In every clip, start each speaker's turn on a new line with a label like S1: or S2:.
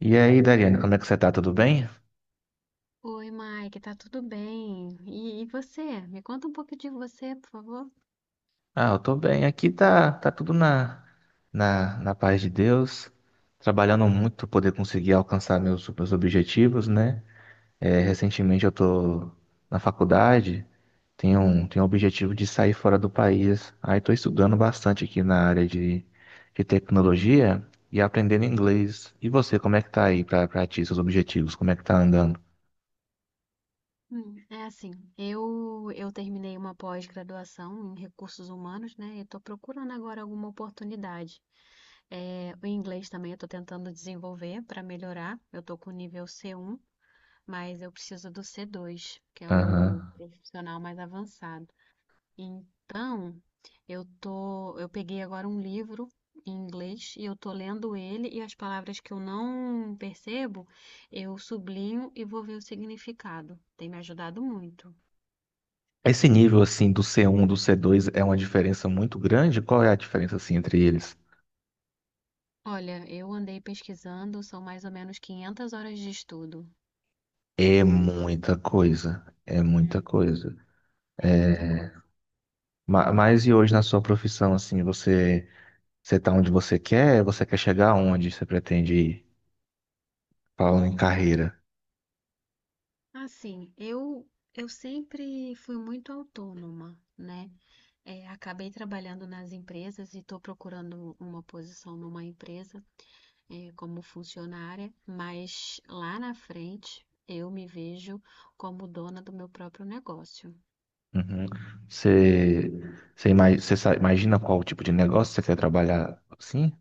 S1: E aí, Dariane, como é que você tá? Tudo bem?
S2: Oi, Mike, tá tudo bem? E você? Me conta um pouco de você, por favor.
S1: Ah, eu tô bem. Aqui tá, tá tudo na paz de Deus. Trabalhando muito para poder conseguir alcançar meus objetivos, né? É, recentemente eu tô na faculdade, tenho um objetivo de sair fora do país. Aí tô estudando bastante aqui na área de tecnologia e aprendendo inglês. E você, como é que tá aí para ti, seus objetivos? Como é que tá andando?
S2: É assim, eu terminei uma pós-graduação em recursos humanos, né? E tô procurando agora alguma oportunidade. É, o inglês também eu tô tentando desenvolver para melhorar. Eu tô com nível C1, mas eu preciso do C2, que é o
S1: Aham.
S2: profissional mais avançado. Então, eu peguei agora um livro em inglês e eu tô lendo ele e as palavras que eu não percebo, eu sublinho e vou ver o significado. Tem me ajudado muito.
S1: Esse nível assim do C1 do C2 é uma diferença muito grande? Qual é a diferença assim entre eles?
S2: Olha, eu andei pesquisando, são mais ou menos 500 horas de estudo.
S1: É muita coisa, é muita
S2: Uhum.
S1: coisa.
S2: É muita
S1: É...
S2: coisa.
S1: Mas e hoje na sua profissão assim, você tá onde você quer? Você quer chegar aonde? Você pretende ir? Falando em carreira.
S2: Assim, eu sempre fui muito autônoma, né? É, acabei trabalhando nas empresas e estou procurando uma posição numa empresa como funcionária, mas lá na frente eu me vejo como dona do meu próprio negócio.
S1: Uhum. Você você imagina qual tipo de negócio você quer trabalhar? Sim?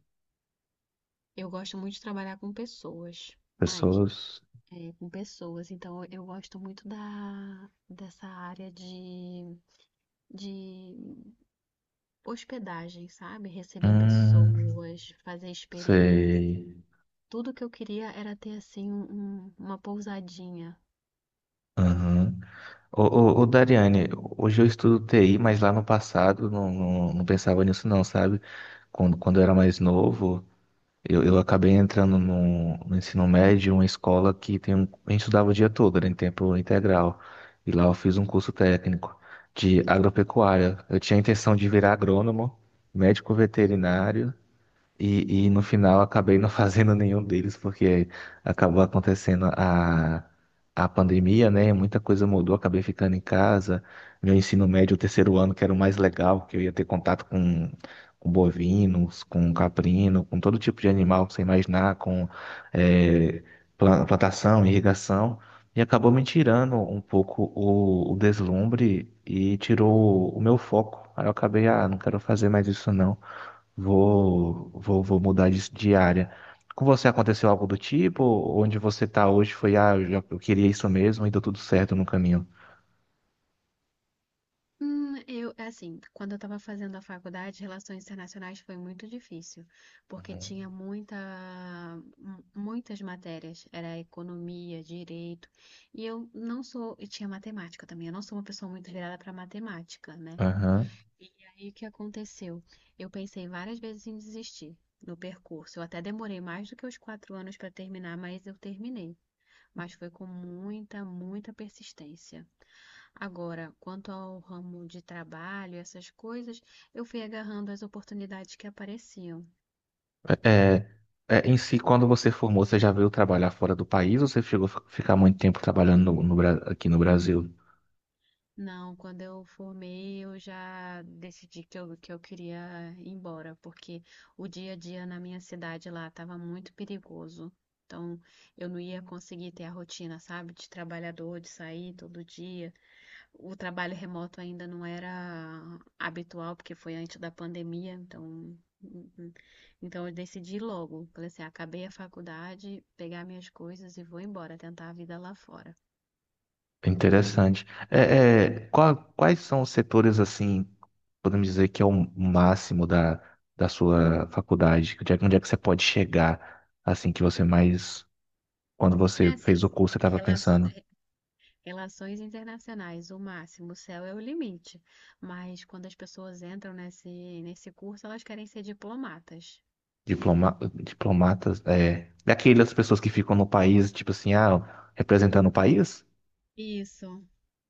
S2: Eu gosto muito de trabalhar com pessoas, Mike,
S1: Pessoas.
S2: com pessoas. Então eu gosto muito dessa área de hospedagem, sabe? Receber
S1: Hum,
S2: pessoas, fazer experiência.
S1: sei.
S2: Tudo que eu queria era ter assim uma pousadinha.
S1: Dariane, hoje eu estudo TI, mas lá no passado não pensava nisso não, sabe? Quando eu era mais novo, eu acabei entrando no ensino médio, uma escola que tem um, a gente estudava o dia todo, era em tempo integral. E lá eu fiz um curso técnico de agropecuária. Eu tinha a intenção de virar agrônomo, médico veterinário, e no
S2: Legal.
S1: final acabei não fazendo nenhum deles, porque acabou acontecendo a pandemia, né? Muita coisa mudou, acabei ficando em casa. Meu ensino médio, o terceiro ano, que era o mais legal, que eu ia ter contato com bovinos, com caprino, com todo tipo de animal que você imaginar, com eh, plantação, irrigação. E acabou me tirando um pouco o deslumbre e tirou o meu foco. Aí eu acabei, ah, não quero fazer mais isso não. Vou mudar de área. Com você aconteceu algo do tipo? Onde você está hoje foi, ah, eu queria isso mesmo e deu tudo certo no caminho.
S2: Eu, assim, quando eu estava fazendo a faculdade, relações internacionais foi muito difícil, porque tinha muitas matérias, era economia, direito, e eu não sou, e tinha matemática também, eu não sou uma pessoa muito virada para matemática, né?
S1: Aham.
S2: E aí o que aconteceu? Eu pensei várias vezes em desistir no percurso, eu até demorei mais do que os 4 anos para terminar, mas eu terminei, mas foi com muita, muita persistência. Agora, quanto ao ramo de trabalho, essas coisas, eu fui agarrando as oportunidades que apareciam.
S1: É, é, em si, quando você formou, você já veio trabalhar fora do país ou você chegou a ficar muito tempo trabalhando no, aqui no Brasil?
S2: Não, quando eu formei, eu já decidi que eu queria ir embora, porque o dia a dia na minha cidade lá estava muito perigoso. Então, eu não ia conseguir ter a rotina, sabe, de trabalhador, de sair todo dia. O trabalho remoto ainda não era habitual, porque foi antes da pandemia, então, hum, hum. Então eu decidi logo. Falei assim, acabei a faculdade, pegar minhas coisas e vou embora, tentar a vida lá fora.
S1: Interessante. É, é, qual- quais são os setores, assim, podemos dizer que é o máximo da sua faculdade? Onde é que você pode chegar, assim, que você mais... Quando
S2: É
S1: você fez o
S2: assim,
S1: curso, você estava
S2: relaço-
S1: pensando...
S2: relações internacionais, o máximo, o céu é o limite. Mas quando as pessoas entram nesse curso, elas querem ser diplomatas.
S1: diplomatas, é, daquelas pessoas que ficam no país, tipo assim, ah, representando o país?
S2: Isso.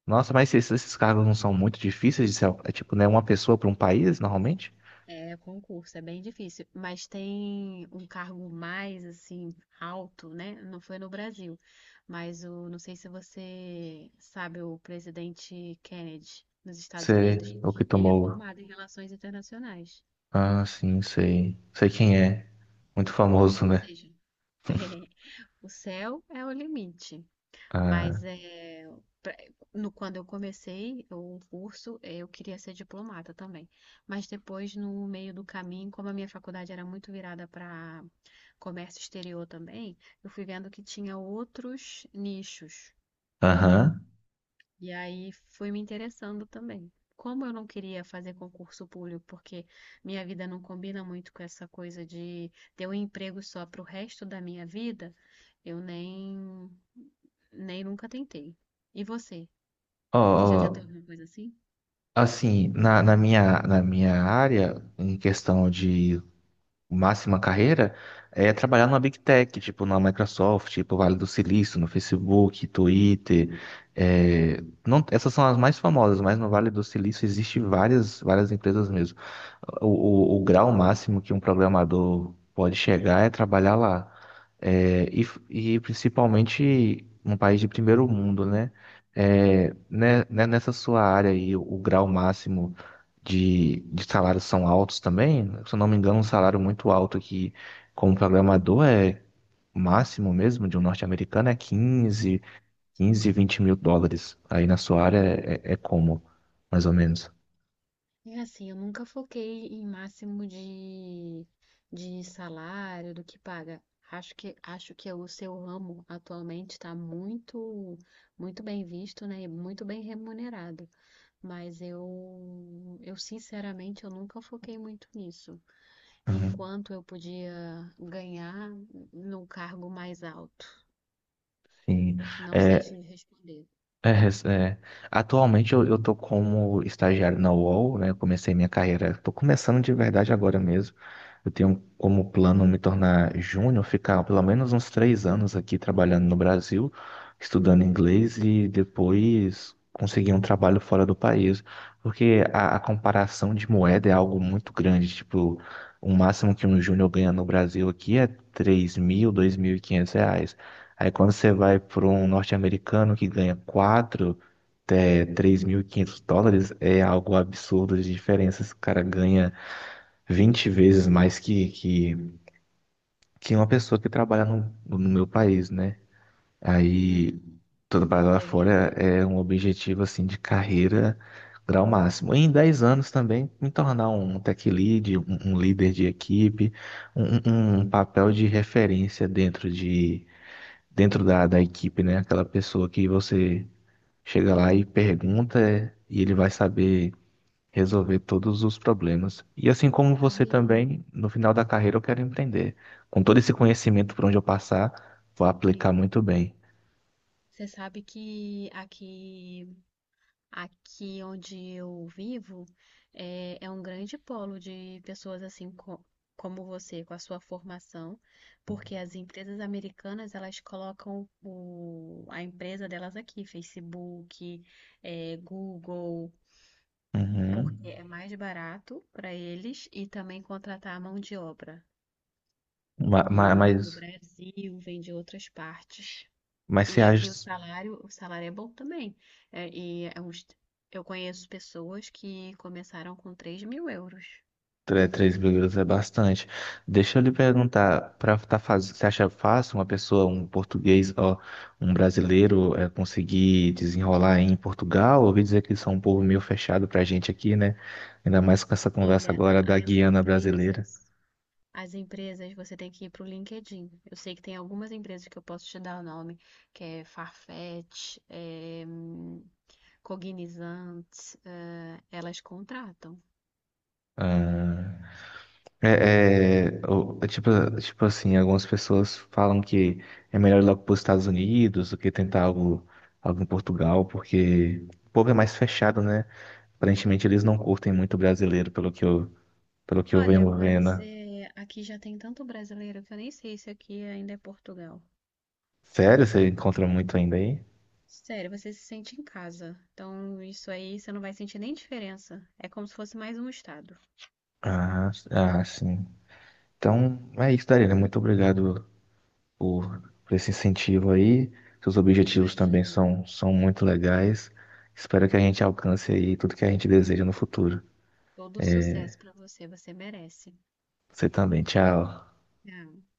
S1: Nossa, mas esses cargos não são muito difíceis de ser, é tipo, né, uma pessoa para um país, normalmente?
S2: É, concurso, é bem difícil, mas tem um cargo mais assim alto, né? Não foi no Brasil, mas o, não sei se você sabe, o presidente Kennedy nos Estados
S1: Você,
S2: Unidos,
S1: o que
S2: ele é
S1: tomou?
S2: formado em relações internacionais.
S1: Ah, sim, sei. Sei quem é. Muito famoso,
S2: Ou
S1: né?
S2: seja, o céu é o limite. Mas
S1: Ah,
S2: é, pra- no, quando eu comecei o curso, eu queria ser diplomata também. Mas depois, no meio do caminho, como a minha faculdade era muito virada para comércio exterior também, eu fui vendo que tinha outros nichos.
S1: aham.
S2: E aí fui me interessando também. Como eu não queria fazer concurso público, porque minha vida não combina muito com essa coisa de ter um emprego só para o resto da minha vida, eu nem, nem nunca tentei. E você?
S1: Ó,
S2: Você já tentou
S1: ó,
S2: alguma coisa assim?
S1: assim, na minha área, em questão de máxima carreira é trabalhar numa Big Tech, tipo na Microsoft, tipo Vale do Silício, no Facebook, Twitter.
S2: Uhum.
S1: É, não- essas são as mais famosas, mas no Vale do Silício existe várias empresas mesmo. O, o grau máximo que um programador pode chegar é trabalhar lá. É, e principalmente um país de primeiro mundo, né? É, nessa sua área aí, o grau máximo de salários são altos também? Se eu não me engano, um salário muito alto aqui como programador é o máximo mesmo de um norte-americano é 15 20 mil dólares. Aí na sua área é, é como, mais ou menos?
S2: É assim, eu nunca foquei em de salário, do que paga. Acho que o seu ramo atualmente está muito bem visto, né? E muito bem remunerado. Mas eu sinceramente, eu nunca foquei muito nisso.
S1: Uhum.
S2: Enquanto eu podia ganhar num cargo mais alto.
S1: Sim.
S2: Não sei se
S1: É,
S2: responder.
S1: É, é. Atualmente eu tô como estagiário na UOL, né? Eu comecei minha carreira, tô começando de verdade agora mesmo. Eu tenho como plano me tornar júnior, ficar pelo menos uns 3 anos aqui trabalhando no Brasil, estudando inglês e depois conseguir um trabalho fora do país. Porque a comparação de moeda é algo muito grande. Tipo, o máximo que um júnior ganha no Brasil aqui é 3 mil, R$ 2.500. Aí quando você vai para um norte-americano que ganha 4 até US$ 3.500, é algo absurdo de diferença. Esse cara ganha 20 vezes mais que uma pessoa que trabalha no, no meu país, né?
S2: Uhum.
S1: Aí todo trabalho lá
S2: É
S1: fora
S2: verdade.
S1: é um objetivo assim de carreira grau máximo. E em 10 anos também me tornar um tech lead, um líder de equipe, um papel de referência dentro de dentro da equipe, né? Aquela pessoa que você chega lá e pergunta e ele vai saber resolver todos os problemas. E assim como você
S2: Sabe,
S1: também, no final da carreira eu quero empreender. Com todo esse conhecimento por onde eu passar, vou aplicar
S2: sim.
S1: muito bem.
S2: Você sabe que aqui Aqui onde eu vivo é um grande polo de pessoas assim como você, com a sua formação, porque as empresas americanas elas colocam a empresa delas aqui, Facebook, é, Google,
S1: Uhum.
S2: porque é mais barato para eles e também contratar a mão de obra,
S1: Ma- ma-
S2: que vem do
S1: Mas,
S2: Brasil, vem de outras partes.
S1: mas,
S2: E
S1: você
S2: aqui
S1: acha...
S2: o salário é bom também. É, e é uns- eu conheço pessoas que começaram com 3.000 euros.
S1: Tre- Três vírgulas é bastante. Deixa eu lhe
S2: Uhum.
S1: perguntar, para tá faz... você acha fácil uma pessoa, um português, ó, um brasileiro, é, conseguir desenrolar em Portugal? Ouvi dizer que eles são um povo meio fechado pra gente aqui, né? Ainda mais com essa conversa
S2: Olha,
S1: agora da
S2: as
S1: Guiana brasileira.
S2: empresas, as empresas, você tem que ir para o LinkedIn. Eu sei que tem algumas empresas que eu posso te dar o nome, que é Farfetch, Cognizant, elas contratam.
S1: Ah, é, é, é tipo, tipo assim, algumas pessoas falam que é melhor ir logo para os Estados Unidos do que tentar algo, algo em Portugal, porque o povo é mais fechado, né? Aparentemente eles não curtem muito brasileiro, pelo que pelo que eu
S2: Olha,
S1: venho
S2: mas
S1: vendo.
S2: aqui já tem tanto brasileiro que eu nem sei se aqui ainda é Portugal.
S1: Sério? Você encontra muito ainda aí?
S2: Sério, você se sente em casa. Então, isso aí você não vai sentir nem diferença. É como se fosse mais um estado.
S1: Ah, ah, sim. Então, é isso, Darina. Muito obrigado por esse incentivo aí. Seus objetivos também
S2: Imagino.
S1: são, são muito legais. Espero que a gente alcance aí tudo que a gente deseja no futuro.
S2: Todo sucesso pra você, você merece.
S1: Você também. Tchau.
S2: Ah.